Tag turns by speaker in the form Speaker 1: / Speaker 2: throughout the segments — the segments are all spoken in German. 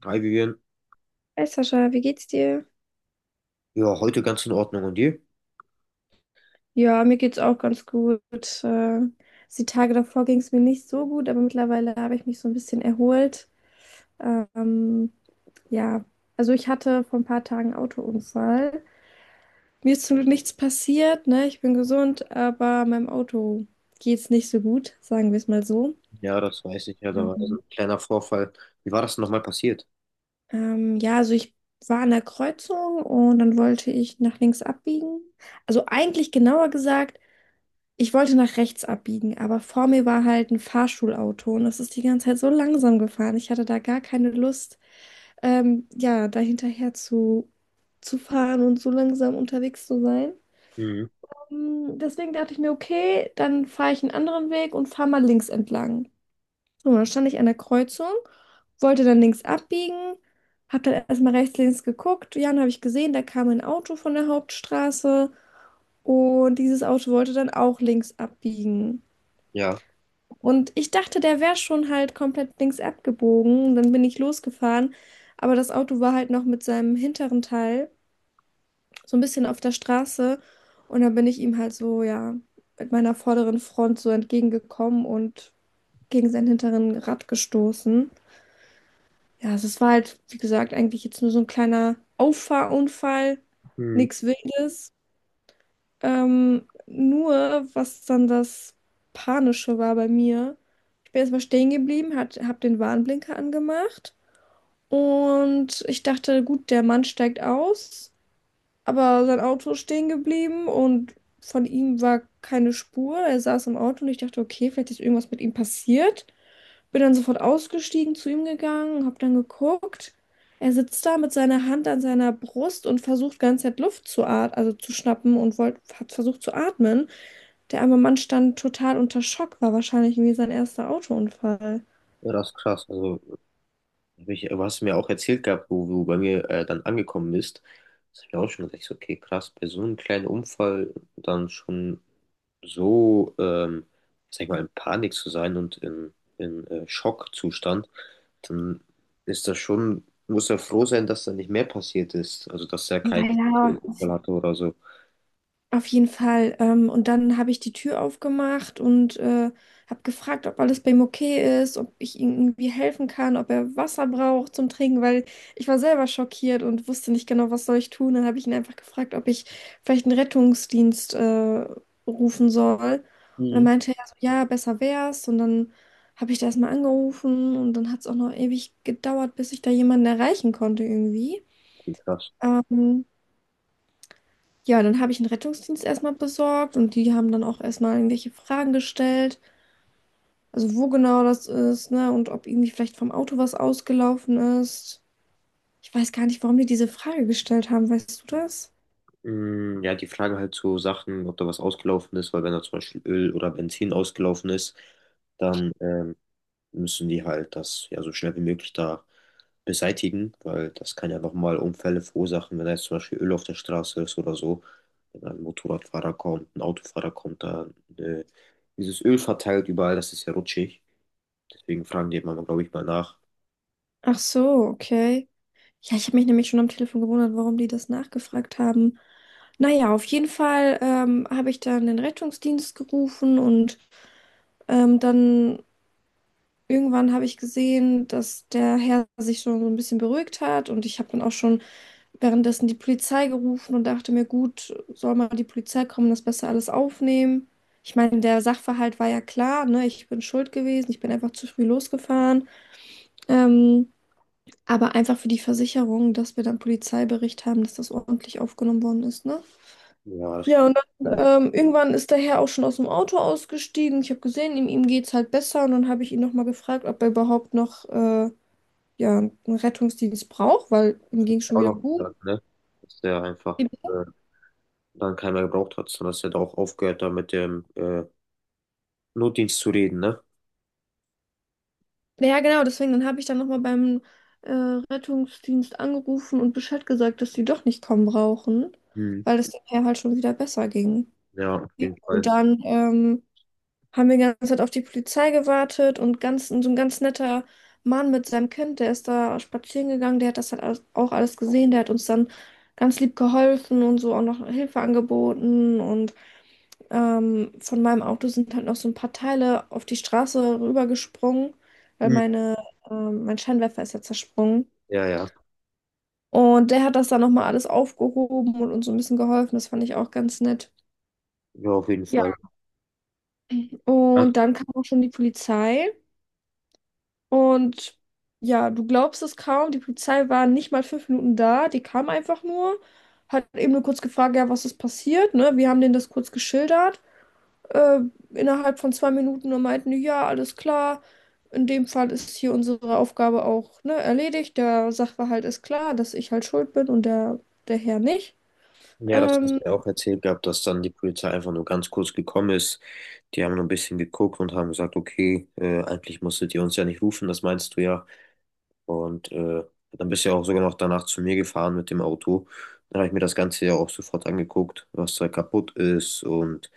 Speaker 1: Drei gegeben.
Speaker 2: Hey Sascha, wie geht's dir?
Speaker 1: Ja, heute ganz in Ordnung. Und dir?
Speaker 2: Ja, mir geht's auch ganz gut. Die Tage davor ging es mir nicht so gut, aber mittlerweile habe ich mich so ein bisschen erholt. Ähm, ja, also ich hatte vor ein paar Tagen einen Autounfall. Mir ist zum Glück nichts passiert, ne? Ich bin gesund, aber meinem Auto geht's nicht so gut, sagen wir es mal so.
Speaker 1: Ja, das weiß ich. Ja, da war so
Speaker 2: Mhm.
Speaker 1: ein kleiner Vorfall. Wie war das denn nochmal passiert?
Speaker 2: Ja, also ich war an der Kreuzung und dann wollte ich nach links abbiegen. Also eigentlich genauer gesagt, ich wollte nach rechts abbiegen, aber vor mir war halt ein Fahrschulauto und das ist die ganze Zeit so langsam gefahren. Ich hatte da gar keine Lust, ja, da zu fahren und so langsam unterwegs zu sein.
Speaker 1: Mhm.
Speaker 2: Deswegen dachte ich mir, okay, dann fahre ich einen anderen Weg und fahre mal links entlang. So, dann stand ich an der Kreuzung, wollte dann links abbiegen, habe dann erstmal rechts, links geguckt. Ja, dann habe ich gesehen, da kam ein Auto von der Hauptstraße und dieses Auto wollte dann auch links abbiegen.
Speaker 1: Ja.
Speaker 2: Und ich dachte, der wäre schon halt komplett links abgebogen. Dann bin ich losgefahren. Aber das Auto war halt noch mit seinem hinteren Teil so ein bisschen auf der Straße. Und dann bin ich ihm halt so, ja, mit meiner vorderen Front so entgegengekommen und gegen sein hinteren Rad gestoßen. Ja, also es war halt, wie gesagt, eigentlich jetzt nur so ein kleiner Auffahrunfall.
Speaker 1: Mhm.
Speaker 2: Nichts Wildes. Nur, was dann das Panische war bei mir, ich bin erstmal stehen geblieben, hab den Warnblinker angemacht und ich dachte, gut, der Mann steigt aus, aber sein Auto ist stehen geblieben und von ihm war keine Spur. Er saß im Auto und ich dachte, okay, vielleicht ist irgendwas mit ihm passiert. Bin dann sofort ausgestiegen, zu ihm gegangen, hab dann geguckt. Er sitzt da mit seiner Hand an seiner Brust und versucht ganze Zeit Luft zu atmen, also zu schnappen und hat versucht zu atmen. Der arme Mann stand total unter Schock, war wahrscheinlich irgendwie sein erster Autounfall.
Speaker 1: Ja, das ist krass. Also hab ich, aber hast du mir auch erzählt gehabt, wo du bei mir dann angekommen bist. Das hab ich auch schon gedacht, ich so, okay, krass, bei so einem kleinen Unfall dann schon so, sag ich mal, in Panik zu sein und in Schockzustand, dann ist das schon, muss er froh sein, dass da nicht mehr passiert ist. Also, dass er
Speaker 2: Ja,
Speaker 1: keinen
Speaker 2: ja,
Speaker 1: Unfall hatte oder so.
Speaker 2: auf jeden Fall. Und dann habe ich die Tür aufgemacht und habe gefragt, ob alles bei ihm okay ist, ob ich ihm irgendwie helfen kann, ob er Wasser braucht zum Trinken, weil ich war selber schockiert und wusste nicht genau, was soll ich tun. Dann habe ich ihn einfach gefragt, ob ich vielleicht einen Rettungsdienst rufen soll. Und dann
Speaker 1: Mhm.
Speaker 2: meinte er so, ja, besser wär's. Und dann habe ich da erstmal angerufen und dann hat es auch noch ewig gedauert, bis ich da jemanden erreichen konnte irgendwie.
Speaker 1: Okay, krass.
Speaker 2: Ähm, ja, dann habe ich einen Rettungsdienst erstmal besorgt und die haben dann auch erstmal irgendwelche Fragen gestellt. Also wo genau das ist, ne? Und ob irgendwie vielleicht vom Auto was ausgelaufen ist. Ich weiß gar nicht, warum die diese Frage gestellt haben. Weißt du das?
Speaker 1: Mm, ja, die Frage halt zu Sachen, ob da was ausgelaufen ist, weil wenn da zum Beispiel Öl oder Benzin ausgelaufen ist, dann müssen die halt das ja so schnell wie möglich da beseitigen, weil das kann ja nochmal Unfälle verursachen, wenn da jetzt zum Beispiel Öl auf der Straße ist oder so. Wenn ein Motorradfahrer kommt, ein Autofahrer kommt, da äh, dieses Öl verteilt überall, das ist ja rutschig. Deswegen fragen die immer, glaube ich, mal nach.
Speaker 2: Ach so, okay. Ja, ich habe mich nämlich schon am Telefon gewundert, warum die das nachgefragt haben. Naja, auf jeden Fall habe ich dann den Rettungsdienst gerufen und dann irgendwann habe ich gesehen, dass der Herr sich schon so ein bisschen beruhigt hat und ich habe dann auch schon währenddessen die Polizei gerufen und dachte mir, gut, soll mal die Polizei kommen, das besser alles aufnehmen. Ich meine, der Sachverhalt war ja klar, ne? Ich bin schuld gewesen, ich bin einfach zu früh losgefahren. Ähm, aber einfach für die Versicherung, dass wir dann Polizeibericht haben, dass das ordentlich aufgenommen worden ist, ne?
Speaker 1: Ja, das
Speaker 2: Ja, und
Speaker 1: ist
Speaker 2: dann irgendwann ist der Herr auch schon aus dem Auto ausgestiegen. Ich habe gesehen, ihm geht es halt besser. Und dann habe ich ihn nochmal gefragt, ob er überhaupt noch ja, einen Rettungsdienst braucht, weil ihm ging es schon
Speaker 1: auch
Speaker 2: wieder
Speaker 1: noch
Speaker 2: gut.
Speaker 1: gesagt, ne? Dass der einfach dann keiner gebraucht hat, sondern dass er da auch aufgehört, da mit dem Notdienst zu reden, ne?
Speaker 2: Ja, genau, deswegen, dann habe ich dann nochmal beim Rettungsdienst angerufen und Bescheid gesagt, dass die doch nicht kommen brauchen,
Speaker 1: Hm.
Speaker 2: weil es dem Herr halt schon wieder besser ging.
Speaker 1: Ja, auf
Speaker 2: Ja,
Speaker 1: jeden
Speaker 2: und
Speaker 1: Fall.
Speaker 2: dann haben wir die ganze Zeit auf die Polizei gewartet und so ein ganz netter Mann mit seinem Kind, der ist da spazieren gegangen, der hat das halt auch alles gesehen, der hat uns dann ganz lieb geholfen und so auch noch Hilfe angeboten und von meinem Auto sind halt noch so ein paar Teile auf die Straße rübergesprungen, weil
Speaker 1: Hm.
Speaker 2: mein Scheinwerfer ist ja zersprungen.
Speaker 1: Ja, ja,
Speaker 2: Und der hat das dann nochmal alles aufgehoben und uns so ein bisschen geholfen. Das fand ich auch ganz nett.
Speaker 1: ja, auf jeden
Speaker 2: Ja.
Speaker 1: Fall.
Speaker 2: Und dann kam auch schon die Polizei. Und ja, du glaubst es kaum, die Polizei war nicht mal 5 Minuten da, die kam einfach nur, hat eben nur kurz gefragt, ja, was ist passiert, ne? Wir haben denen das kurz geschildert, äh, innerhalb von 2 Minuten und meinten, die, ja, alles klar, in dem Fall ist hier unsere Aufgabe auch, ne, erledigt, der Sachverhalt ist klar, dass ich halt schuld bin und der Herr nicht.
Speaker 1: Ja, das hast
Speaker 2: Ähm,
Speaker 1: du ja auch erzählt gehabt, dass dann die Polizei einfach nur ganz kurz gekommen ist. Die haben nur ein bisschen geguckt und haben gesagt, okay, eigentlich musstet ihr uns ja nicht rufen, das meinst du ja. Und dann bist du ja auch sogar noch danach zu mir gefahren mit dem Auto. Dann habe ich mir das Ganze ja auch sofort angeguckt, was da kaputt ist und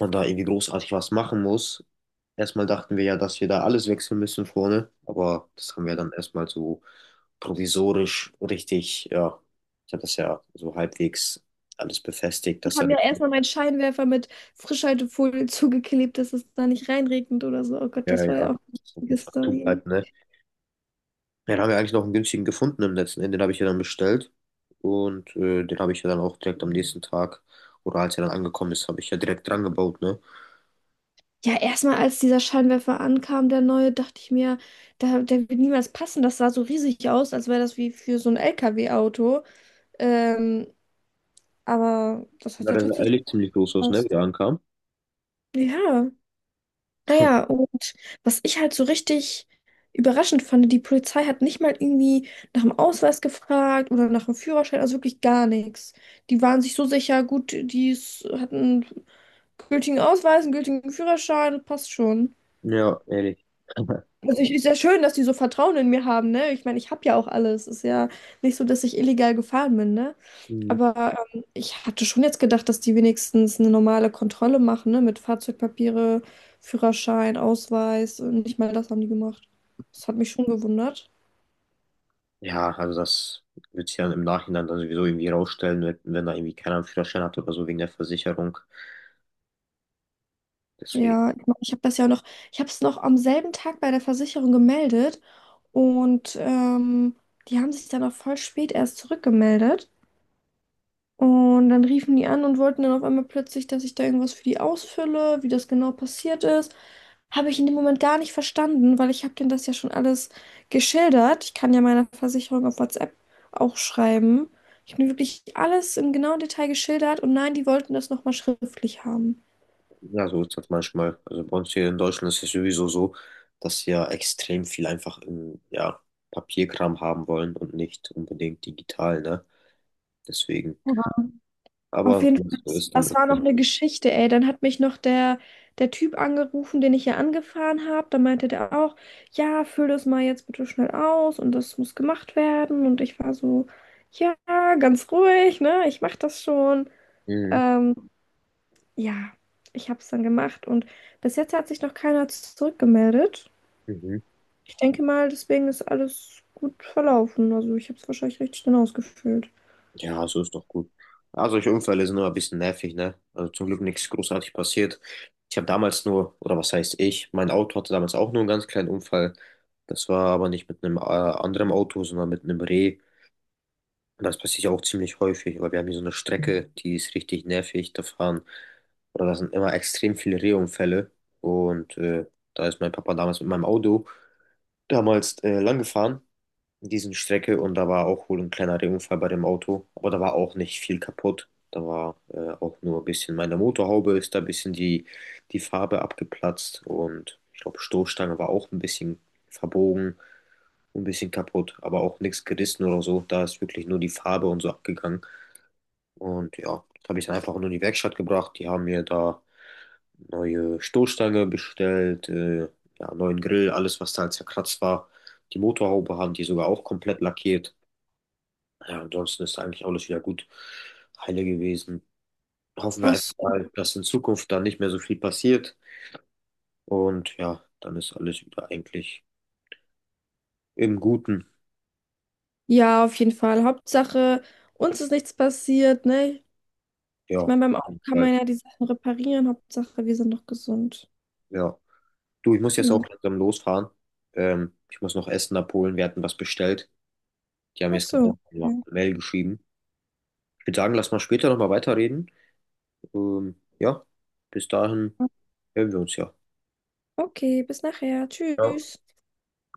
Speaker 1: man da irgendwie großartig was machen muss. Erstmal dachten wir ja, dass wir da alles wechseln müssen vorne, aber das haben wir dann erstmal so provisorisch richtig, ja, ich habe das ja so halbwegs alles befestigt,
Speaker 2: die
Speaker 1: dass da
Speaker 2: haben ja
Speaker 1: nichts.
Speaker 2: erstmal meinen Scheinwerfer mit Frischhaltefolie zugeklebt, dass es da nicht reinregnet oder so. Oh Gott,
Speaker 1: Ja,
Speaker 2: das war ja
Speaker 1: ja,
Speaker 2: auch
Speaker 1: so
Speaker 2: eine lustige
Speaker 1: einfach
Speaker 2: Story.
Speaker 1: zubleibt, ne? Ja, dann haben wir eigentlich noch einen günstigen gefunden im letzten Ende, den habe ich ja dann bestellt und den habe ich ja dann auch direkt am nächsten Tag oder als er dann angekommen ist, habe ich ja direkt dran gebaut, ne?
Speaker 2: Ja, erstmal als dieser Scheinwerfer ankam, der neue, dachte ich mir, da, der wird niemals passen. Das sah so riesig aus, als wäre das wie für so ein LKW-Auto. Ähm, aber das hat
Speaker 1: Ja,
Speaker 2: ja
Speaker 1: der sah
Speaker 2: tatsächlich
Speaker 1: ehrlich ziemlich groß aus, ne, wie
Speaker 2: gepasst.
Speaker 1: er ankam.
Speaker 2: Ja, naja, und was ich halt so richtig überraschend fand, die Polizei hat nicht mal irgendwie nach dem Ausweis gefragt oder nach dem Führerschein, also wirklich gar nichts. Die waren sich so sicher, gut, hatten einen gültigen Ausweis, einen gültigen Führerschein, passt schon.
Speaker 1: Ja, ehrlich.
Speaker 2: Also ich, ist ja schön, dass die so Vertrauen in mir haben, ne? Ich meine, ich habe ja auch alles. Ist ja nicht so, dass ich illegal gefahren bin, ne?
Speaker 1: Mhm.
Speaker 2: Aber ich hatte schon jetzt gedacht, dass die wenigstens eine normale Kontrolle machen, ne? Mit Fahrzeugpapiere, Führerschein, Ausweis. Und nicht mal das haben die gemacht. Das hat mich schon gewundert.
Speaker 1: Ja, also das wird sich dann im Nachhinein dann sowieso irgendwie rausstellen, wenn da irgendwie keiner einen Führerschein hat oder so wegen der Versicherung. Deswegen,
Speaker 2: Ja, ich meine, ich habe es noch am selben Tag bei der Versicherung gemeldet und die haben sich dann auch voll spät erst zurückgemeldet. Und dann riefen die an und wollten dann auf einmal plötzlich, dass ich da irgendwas für die ausfülle, wie das genau passiert ist. Habe ich in dem Moment gar nicht verstanden, weil ich habe denen das ja schon alles geschildert. Ich kann ja meiner Versicherung auf WhatsApp auch schreiben. Ich habe mir wirklich alles im genauen Detail geschildert und nein, die wollten das nochmal schriftlich haben.
Speaker 1: ja, so ist das manchmal. Also bei uns hier in Deutschland ist es sowieso so, dass sie ja extrem viel einfach im, ja, Papierkram haben wollen und nicht unbedingt digital, ne? Deswegen.
Speaker 2: Auf
Speaker 1: Aber
Speaker 2: jeden
Speaker 1: wenn
Speaker 2: Fall,
Speaker 1: es so
Speaker 2: das
Speaker 1: ist, dann
Speaker 2: das
Speaker 1: ist
Speaker 2: war noch
Speaker 1: das
Speaker 2: eine
Speaker 1: so.
Speaker 2: Geschichte, ey. Dann hat mich noch der Typ angerufen, den ich ja angefahren habe. Da meinte der auch, ja, füll das mal jetzt bitte schnell aus und das muss gemacht werden. Und ich war so, ja, ganz ruhig, ne? Ich mach das schon.
Speaker 1: Mhm.
Speaker 2: Ähm, ja, ich habe es dann gemacht und bis jetzt hat sich noch keiner zurückgemeldet.
Speaker 1: Mhm.
Speaker 2: Ich denke mal, deswegen ist alles gut verlaufen. Also ich habe es wahrscheinlich richtig schnell ausgefüllt.
Speaker 1: Ja, so ist doch gut. Ja, solche Unfälle sind nur ein bisschen nervig, ne? Also zum Glück nichts großartig passiert. Ich habe damals nur, oder was heißt ich, mein Auto hatte damals auch nur einen ganz kleinen Unfall. Das war aber nicht mit einem anderen Auto, sondern mit einem Reh. Und das passiert ja auch ziemlich häufig, weil wir haben hier so eine Strecke, die ist richtig nervig. Da fahren, oder da sind immer extrem viele Rehunfälle. Und da ist mein Papa damals mit meinem Auto damals lang gefahren diesen Strecke und da war auch wohl ein kleiner Unfall bei dem Auto, aber da war auch nicht viel kaputt. Da war auch nur ein bisschen meine Motorhaube ist da ein bisschen die Farbe abgeplatzt und ich glaube Stoßstange war auch ein bisschen verbogen, ein bisschen kaputt, aber auch nichts gerissen oder so. Da ist wirklich nur die Farbe und so abgegangen. Und ja, habe ich dann einfach nur in die Werkstatt gebracht. Die haben mir da neue Stoßstange bestellt, ja, neuen Grill, alles was da halt zerkratzt war. Die Motorhaube haben die sogar auch komplett lackiert. Ja, ansonsten ist eigentlich alles wieder gut heile gewesen. Hoffen wir
Speaker 2: Ach
Speaker 1: einfach
Speaker 2: so.
Speaker 1: mal, dass in Zukunft da nicht mehr so viel passiert. Und ja, dann ist alles wieder eigentlich im Guten.
Speaker 2: Ja, auf jeden Fall. Hauptsache, uns ist nichts passiert, ne?
Speaker 1: Ja,
Speaker 2: Ich
Speaker 1: auf
Speaker 2: meine, beim Auto
Speaker 1: jeden
Speaker 2: kann
Speaker 1: Fall.
Speaker 2: man ja die Sachen reparieren. Hauptsache, wir sind noch gesund.
Speaker 1: Ja. Du, ich muss jetzt auch
Speaker 2: Genau.
Speaker 1: langsam losfahren. Ich muss noch Essen abholen. Wir hatten was bestellt. Die haben mir
Speaker 2: Ach
Speaker 1: jetzt gerade
Speaker 2: so.
Speaker 1: auch noch
Speaker 2: Okay,
Speaker 1: eine Mail geschrieben. Ich würde sagen, lass mal später nochmal weiterreden. Ja, bis dahin hören wir uns ja.
Speaker 2: Okay, bis nachher.
Speaker 1: Ja.
Speaker 2: Tschüss.